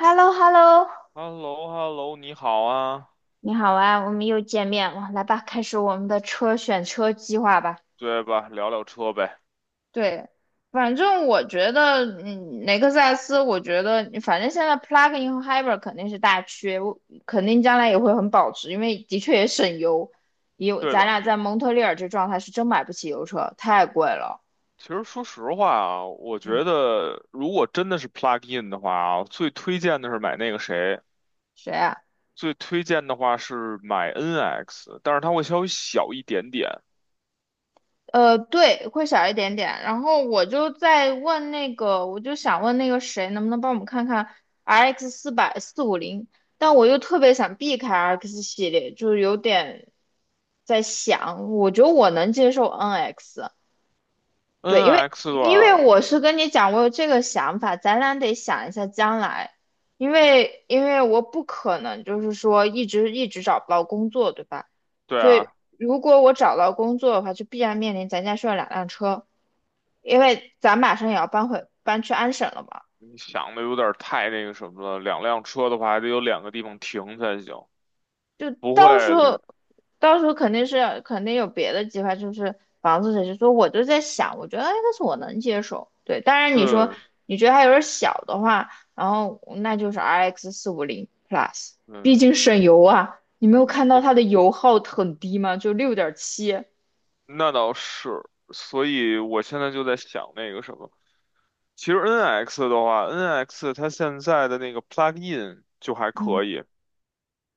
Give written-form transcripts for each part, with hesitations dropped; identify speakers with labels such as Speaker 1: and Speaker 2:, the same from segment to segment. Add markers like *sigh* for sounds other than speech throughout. Speaker 1: h e l l o h e l l o
Speaker 2: h e l l o h e l l o 你好啊，
Speaker 1: 你好啊，我们又见面了，来吧，开始我们的车选车计划吧。
Speaker 2: 对吧？聊聊车呗。
Speaker 1: 对，反正我觉得，雷克萨斯，我觉得，反正现在 plug-in 和 hybrid 肯定是大缺，我肯定将来也会很保值，因为的确也省油。也有
Speaker 2: 对
Speaker 1: 咱
Speaker 2: 的，
Speaker 1: 俩在蒙特利尔这状态是真买不起油车，太贵了。
Speaker 2: 其实说实话啊，我
Speaker 1: 嗯，
Speaker 2: 觉得如果真的是 plug in 的话啊，最推荐的是买那个谁，
Speaker 1: 谁啊？
Speaker 2: 最推荐的话是买 NX，但是它会稍微小一点点。
Speaker 1: 对，会小一点点。然后我就在问那个，我就想问那个谁，能不能帮我们看看 RX 四百四五零？但我又特别想避开 RX 系列，就是有点在想，我觉得我能接受 NX，对，因为
Speaker 2: NX 的
Speaker 1: 因为
Speaker 2: 话，
Speaker 1: 我是跟你讲，我有这个想法，咱俩得想一下将来，因为我不可能就是说一直找不到工作，对吧？
Speaker 2: 对
Speaker 1: 所以
Speaker 2: 啊，
Speaker 1: 如果我找到工作的话，就必然面临咱家需要两辆车，因为咱马上也要搬回搬去安省了嘛。
Speaker 2: 你想的有点太那个什么了，两辆车的话还得有两个地方停才行，
Speaker 1: 就
Speaker 2: 不会，
Speaker 1: 到时候，到时候肯定是肯定有别的计划，就是房子这些。说我就在想，我觉得哎，但是我能接受。对，当然你说
Speaker 2: 对
Speaker 1: 你觉得它有点小的话，然后那就是 RX 四五零 Plus，
Speaker 2: 对
Speaker 1: 毕竟省油啊。你没有看到
Speaker 2: 对，
Speaker 1: 它的油耗很低吗？就6.7。
Speaker 2: 那倒是，所以我现在就在想那个什么。其实 NX 的话，NX 它现在的那个 plug-in 就还可
Speaker 1: 嗯，
Speaker 2: 以，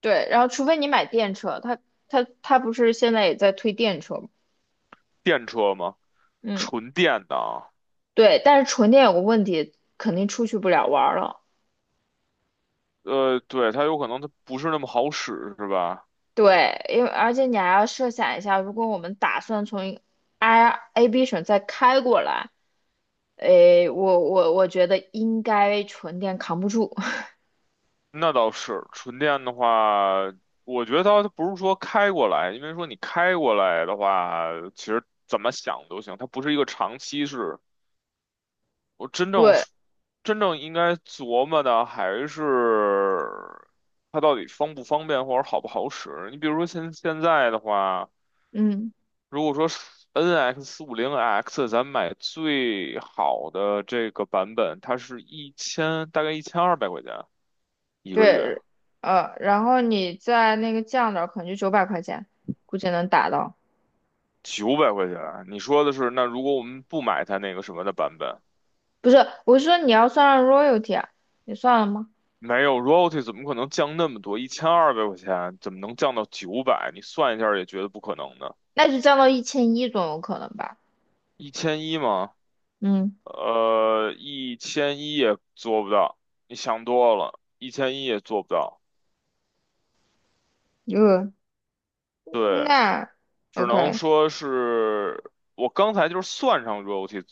Speaker 1: 对，然后除非你买电车，它不是现在也在推电车吗？
Speaker 2: 电车嘛，
Speaker 1: 嗯，
Speaker 2: 纯电的啊。
Speaker 1: 对，但是纯电有个问题，肯定出去不了玩儿了。
Speaker 2: 对，它有可能它不是那么好使，是吧？
Speaker 1: 对，因为而且你还要设想一下，如果我们打算从 I A B 省再开过来，诶，我觉得应该纯电扛不住。*laughs*
Speaker 2: 那倒是，纯电的话，我觉得它不是说开过来，因为说你开过来的话，其实怎么想都行，它不是一个长期式。我真正
Speaker 1: 对，
Speaker 2: 是真正应该琢磨的还是它到底方不方便或者好不好使。你比如说现在的话。
Speaker 1: 嗯，
Speaker 2: 如果说 NX 四五零 X，咱买最好的这个版本，它是一千，大概一千二百块钱一个月，
Speaker 1: 对，然后你在那个降点儿，可能就九百块钱，估计能打到。
Speaker 2: 900块钱。你说的是，那如果我们不买它那个什么的版本，
Speaker 1: 不是，我是说你要算上 royalty 啊，你算了吗？
Speaker 2: 没有 royalty 怎么可能降那么多？一千二百块钱怎么能降到九百？你算一下也觉得不可能呢。
Speaker 1: 那就降到1100总有可能吧。
Speaker 2: 一千一吗？
Speaker 1: 嗯，
Speaker 2: 一千一也做不到，你想多了，一千一也做不到。
Speaker 1: 呃，
Speaker 2: 对，
Speaker 1: 那
Speaker 2: 只能
Speaker 1: OK，
Speaker 2: 说是我刚才就是算上 royalty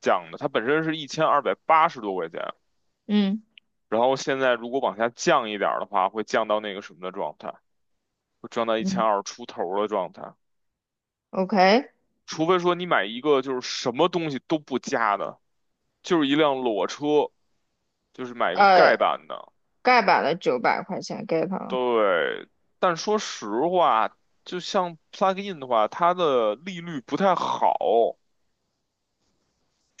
Speaker 2: 降的，它本身是1280多块钱，
Speaker 1: 嗯
Speaker 2: 然后现在如果往下降一点儿的话，会降到那个什么的状态，会降到一千
Speaker 1: 嗯
Speaker 2: 二出头的状态，
Speaker 1: ，OK，
Speaker 2: 除非说你买一个就是什么东西都不加的，就是一辆裸车，就是买一个盖
Speaker 1: 呃。
Speaker 2: 板的，
Speaker 1: 盖板的九百块钱给他了，
Speaker 2: 对，但说实话，就像 plug in 的话，它的利率不太好，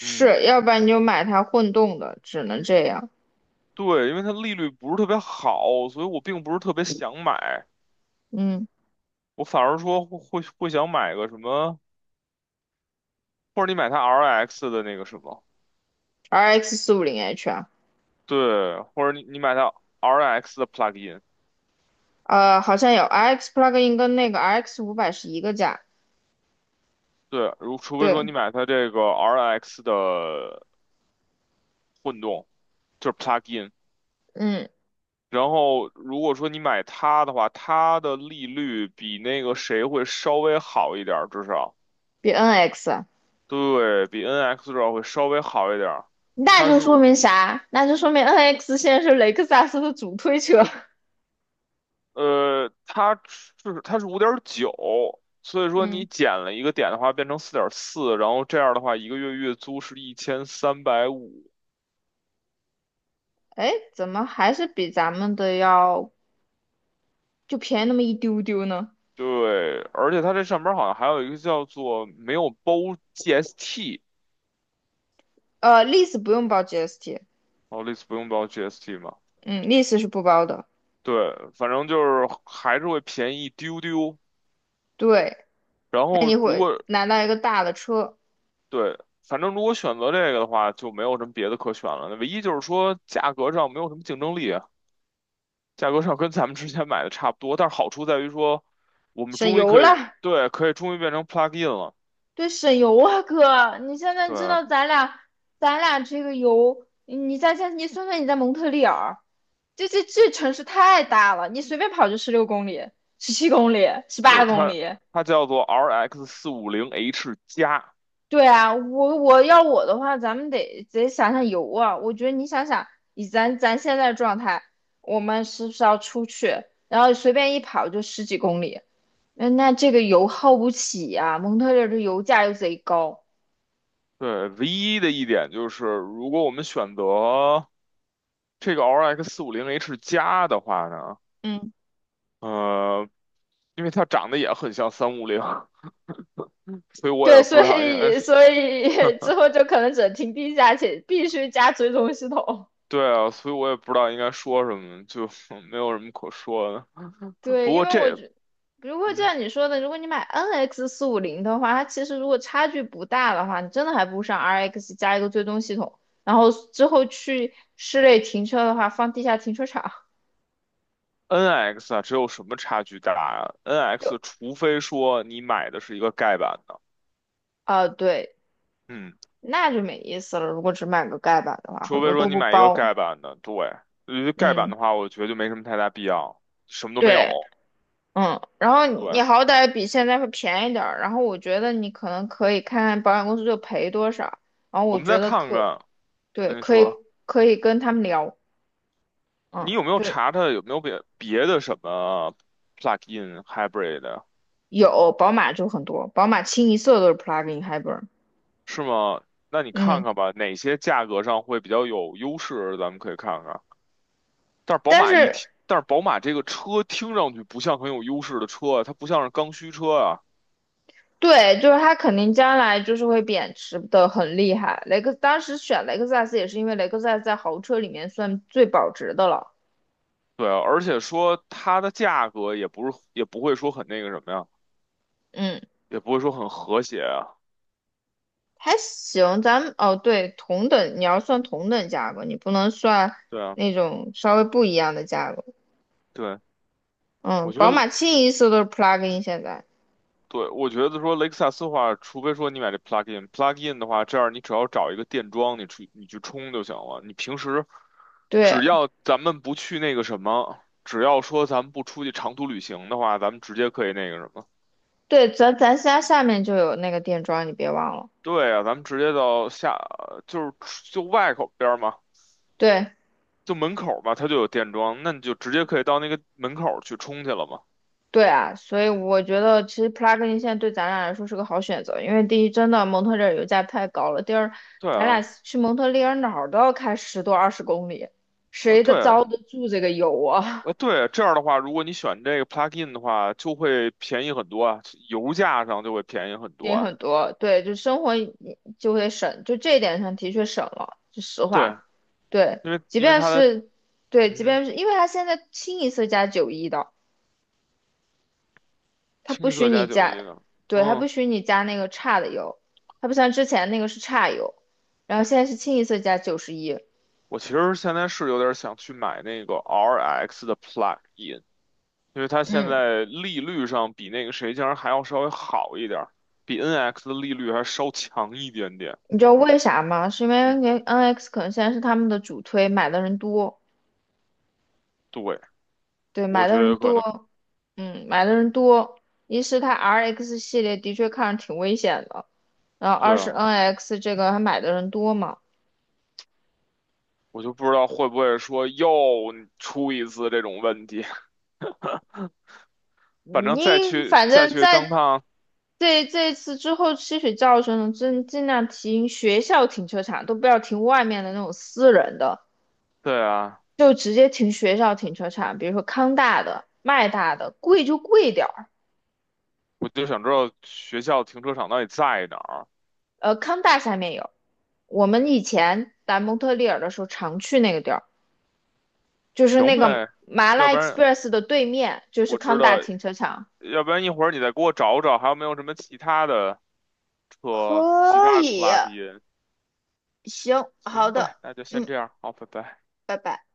Speaker 2: 嗯，
Speaker 1: 要不然你就买它混动的，只能这样。
Speaker 2: 对，因为它利率不是特别好，所以我并不是特别想买，
Speaker 1: 嗯
Speaker 2: 我反而说会想买个什么，或者你买它 RX 的那个什么，
Speaker 1: ，RX 四五零 H 啊，
Speaker 2: 对，或者你买它 RX 的 plug-in，
Speaker 1: 好像有 RX plug-in 跟那个 RX 500是一个价，
Speaker 2: 对，除非说
Speaker 1: 对，
Speaker 2: 你买它这个 RX 的混动，就是 plug-in，
Speaker 1: 嗯，
Speaker 2: 然后如果说你买它的话，它的利率比那个谁会稍微好一点儿，至少
Speaker 1: 比 NX，啊
Speaker 2: 对比 NX 至少会稍微好一点儿。
Speaker 1: 那
Speaker 2: 它
Speaker 1: 就
Speaker 2: 是。
Speaker 1: 说明啥？那就说明 NX 现在是雷克萨斯的主推车。
Speaker 2: 呃，它是它是5.9，所以
Speaker 1: *laughs*
Speaker 2: 说你
Speaker 1: 嗯，
Speaker 2: 减了一个点的话，变成4.4，然后这样的话，一个月月租是1350。
Speaker 1: 哎，怎么还是比咱们的要就便宜那么一丢丢呢？
Speaker 2: 对，而且它这上边儿好像还有一个叫做没有包 GST，
Speaker 1: lease 不用包 GST，
Speaker 2: 哦，类似不用包 GST 嘛。
Speaker 1: 嗯，lease 是不包的。
Speaker 2: 对，反正就是还是会便宜一丢丢。
Speaker 1: 对，
Speaker 2: 然
Speaker 1: 那
Speaker 2: 后
Speaker 1: 你
Speaker 2: 如
Speaker 1: 会
Speaker 2: 果
Speaker 1: 拿到一个大的车。
Speaker 2: 对，反正如果选择这个的话，就没有什么别的可选了。唯一就是说价格上没有什么竞争力。价格上跟咱们之前买的差不多，但是好处在于说，我们
Speaker 1: 省
Speaker 2: 终于
Speaker 1: 油
Speaker 2: 可以，
Speaker 1: 了，
Speaker 2: 对，可以终于变成 plug in 了。
Speaker 1: 对，省油啊，哥，你现在知
Speaker 2: 对，
Speaker 1: 道咱俩，咱俩这个油，你算算你在蒙特利尔，这城市太大了，你随便跑就16公里、17公里、十
Speaker 2: 对，
Speaker 1: 八公
Speaker 2: 它
Speaker 1: 里。
Speaker 2: 它叫做 RX 四五零 H 加。
Speaker 1: 对啊，我的话，咱们得想想油啊。我觉得你想想，以咱现在的状态，我们是不是要出去，然后随便一跑就十几公里？那这个油耗不起呀、蒙特利尔的油价又贼高。
Speaker 2: 对，唯一的一点就是，如果我们选择这个 RX 四五零 H 加的话呢，
Speaker 1: 嗯，
Speaker 2: 呃，因为它长得也很像350，*laughs* 所以我
Speaker 1: 对，
Speaker 2: 也不
Speaker 1: 所
Speaker 2: 知道应该
Speaker 1: 以
Speaker 2: 是。
Speaker 1: 所以之后就可能只能停地下且必须加追踪系统。
Speaker 2: 对啊，所以我也不知道应该说什么，就 *laughs* 没有什么可说的。不
Speaker 1: 对，因
Speaker 2: 过
Speaker 1: 为我
Speaker 2: 这，
Speaker 1: 觉，如果就
Speaker 2: 嗯，
Speaker 1: 像你说的，如果你买 NX 四五零的话，它其实如果差距不大的话，你真的还不如上 RX 加一个追踪系统，然后之后去室内停车的话，放地下停车场。
Speaker 2: NX 啊，只有什么差距大啊
Speaker 1: 就
Speaker 2: ？NX 除非说你买的是一个盖板的，
Speaker 1: 对，
Speaker 2: 嗯，
Speaker 1: 那就没意思了。如果只买个盖板的话，
Speaker 2: 除
Speaker 1: 很
Speaker 2: 非
Speaker 1: 多
Speaker 2: 说
Speaker 1: 都
Speaker 2: 你
Speaker 1: 不
Speaker 2: 买一个
Speaker 1: 包。
Speaker 2: 盖板的，对，因为盖板
Speaker 1: 嗯，
Speaker 2: 的话，我觉得就没什么太大必要，什么都没
Speaker 1: 对。
Speaker 2: 有。
Speaker 1: 嗯，然后你
Speaker 2: 对，
Speaker 1: 好歹比现在会便宜点儿，然后我觉得你可能可以看看保险公司就赔多少，然后
Speaker 2: 我
Speaker 1: 我
Speaker 2: 们
Speaker 1: 觉
Speaker 2: 再
Speaker 1: 得
Speaker 2: 看
Speaker 1: 可，
Speaker 2: 看，
Speaker 1: 对，
Speaker 2: 你
Speaker 1: 可以
Speaker 2: 说
Speaker 1: 可以跟他们聊，
Speaker 2: 你
Speaker 1: 嗯，
Speaker 2: 有没有
Speaker 1: 对，
Speaker 2: 查查有没有别的什么 plug-in hybrid 的
Speaker 1: 有宝马就很多，宝马清一色都是 plug-in hybrid，
Speaker 2: 是吗？那你看
Speaker 1: 嗯，
Speaker 2: 看吧，哪些价格上会比较有优势，咱们可以看看。但是宝
Speaker 1: 但
Speaker 2: 马一
Speaker 1: 是
Speaker 2: 听，但是宝马这个车听上去不像很有优势的车啊，它不像是刚需车啊。
Speaker 1: 对，就是它肯定将来就是会贬值的很厉害，雷克当时选雷克萨斯也是因为雷克萨斯在豪车里面算最保值的了，
Speaker 2: 对啊，而且说它的价格也不是，也不会说很那个什么呀，
Speaker 1: 嗯。
Speaker 2: 也不会说很和谐啊。
Speaker 1: 还行，咱们哦对，同等你要算同等价格，你不能算
Speaker 2: 对啊，
Speaker 1: 那种稍微不一样的价格。
Speaker 2: 对，
Speaker 1: 嗯，
Speaker 2: 我觉得，
Speaker 1: 宝马清一色都是 plug-in 现在。
Speaker 2: 对，我觉得说雷克萨斯的话，除非说你买这 plug-in 的话，这样你只要找一个电桩，你去充就行了。你平时只
Speaker 1: 对
Speaker 2: 要咱们不去那个什么，只要说咱们不出去长途旅行的话，咱们直接可以那个什么。
Speaker 1: 对，咱家下面就有那个电桩，你别忘了。
Speaker 2: 对啊，咱们直接到下，就是就外口边儿嘛，
Speaker 1: 对
Speaker 2: 就门口儿嘛，它就有电桩，那你就直接可以到那个门口儿去充去了嘛。
Speaker 1: 对啊，所以我觉得其实 plug-in 现在对咱俩来说是个好选择，因为第一，真的蒙特利尔油价太高了；第二，
Speaker 2: 对
Speaker 1: 咱俩
Speaker 2: 啊，
Speaker 1: 去蒙特利尔哪儿都要开十多二十公里，谁的
Speaker 2: 对
Speaker 1: 遭
Speaker 2: 啊，
Speaker 1: 得住这个油啊？
Speaker 2: 对，这样的话，如果你选这个 plug-in 的话，就会便宜很多啊，油价上就会便宜很多
Speaker 1: 也
Speaker 2: 啊。
Speaker 1: 很多，对，就会省，就这一点上的确省了，是实
Speaker 2: 对，
Speaker 1: 话。对，
Speaker 2: 因为
Speaker 1: 即
Speaker 2: 因为
Speaker 1: 便
Speaker 2: 它的
Speaker 1: 是对，
Speaker 2: 嗯
Speaker 1: 即
Speaker 2: 哼，
Speaker 1: 便是因为他现在清一色加91的，他
Speaker 2: 清
Speaker 1: 不
Speaker 2: 一
Speaker 1: 许
Speaker 2: 色
Speaker 1: 你
Speaker 2: 加91
Speaker 1: 加，
Speaker 2: 的，
Speaker 1: 对，他
Speaker 2: 嗯，
Speaker 1: 不许你加那个差的油，他不像之前那个是差油，然后现在是清一色加91。
Speaker 2: 我其实现在是有点想去买那个 RX 的 plug-in，因为它现
Speaker 1: 嗯，
Speaker 2: 在利率上比那个谁竟然还要稍微好一点儿，比 NX 的利率还稍强一点点。
Speaker 1: 你知道为啥吗？是因为
Speaker 2: 嗯，
Speaker 1: NX 可能现在是他们的主推，买的人多。
Speaker 2: 对，
Speaker 1: 对，
Speaker 2: 我
Speaker 1: 买
Speaker 2: 觉
Speaker 1: 的
Speaker 2: 得
Speaker 1: 人
Speaker 2: 有可能。
Speaker 1: 多，嗯，买的人多。一是它 RX 系列的确看着挺危险的，然后
Speaker 2: 对
Speaker 1: 二是
Speaker 2: 啊，
Speaker 1: NX 这个还买的人多嘛。
Speaker 2: 我就不知道会不会说又出一次这种问题。*laughs* 反正
Speaker 1: 你
Speaker 2: 再去
Speaker 1: 反
Speaker 2: 再
Speaker 1: 正
Speaker 2: 去
Speaker 1: 在
Speaker 2: 登趟，
Speaker 1: 这次之后吸取教训了，尽量停学校停车场，都不要停外面的那种私人的，
Speaker 2: 对啊，
Speaker 1: 就直接停学校停车场，比如说康大的、麦大的，贵就贵点儿。
Speaker 2: 我就想知道学校停车场到底在哪儿。
Speaker 1: 康大下面有，我们以前在蒙特利尔的时候常去那个地儿。就是
Speaker 2: 行
Speaker 1: 那个
Speaker 2: 呗，
Speaker 1: 麻
Speaker 2: 要
Speaker 1: 辣
Speaker 2: 不然
Speaker 1: Express 的对面，就是
Speaker 2: 我知
Speaker 1: 康大
Speaker 2: 道，
Speaker 1: 停车场。
Speaker 2: 要不然一会儿你再给我找找，还有没有什么其他的车，其
Speaker 1: 可
Speaker 2: 他的
Speaker 1: 以，
Speaker 2: plug in。
Speaker 1: 行，好
Speaker 2: 行呗，
Speaker 1: 的，
Speaker 2: 那就先
Speaker 1: 嗯，
Speaker 2: 这样，好，拜拜。
Speaker 1: 拜拜。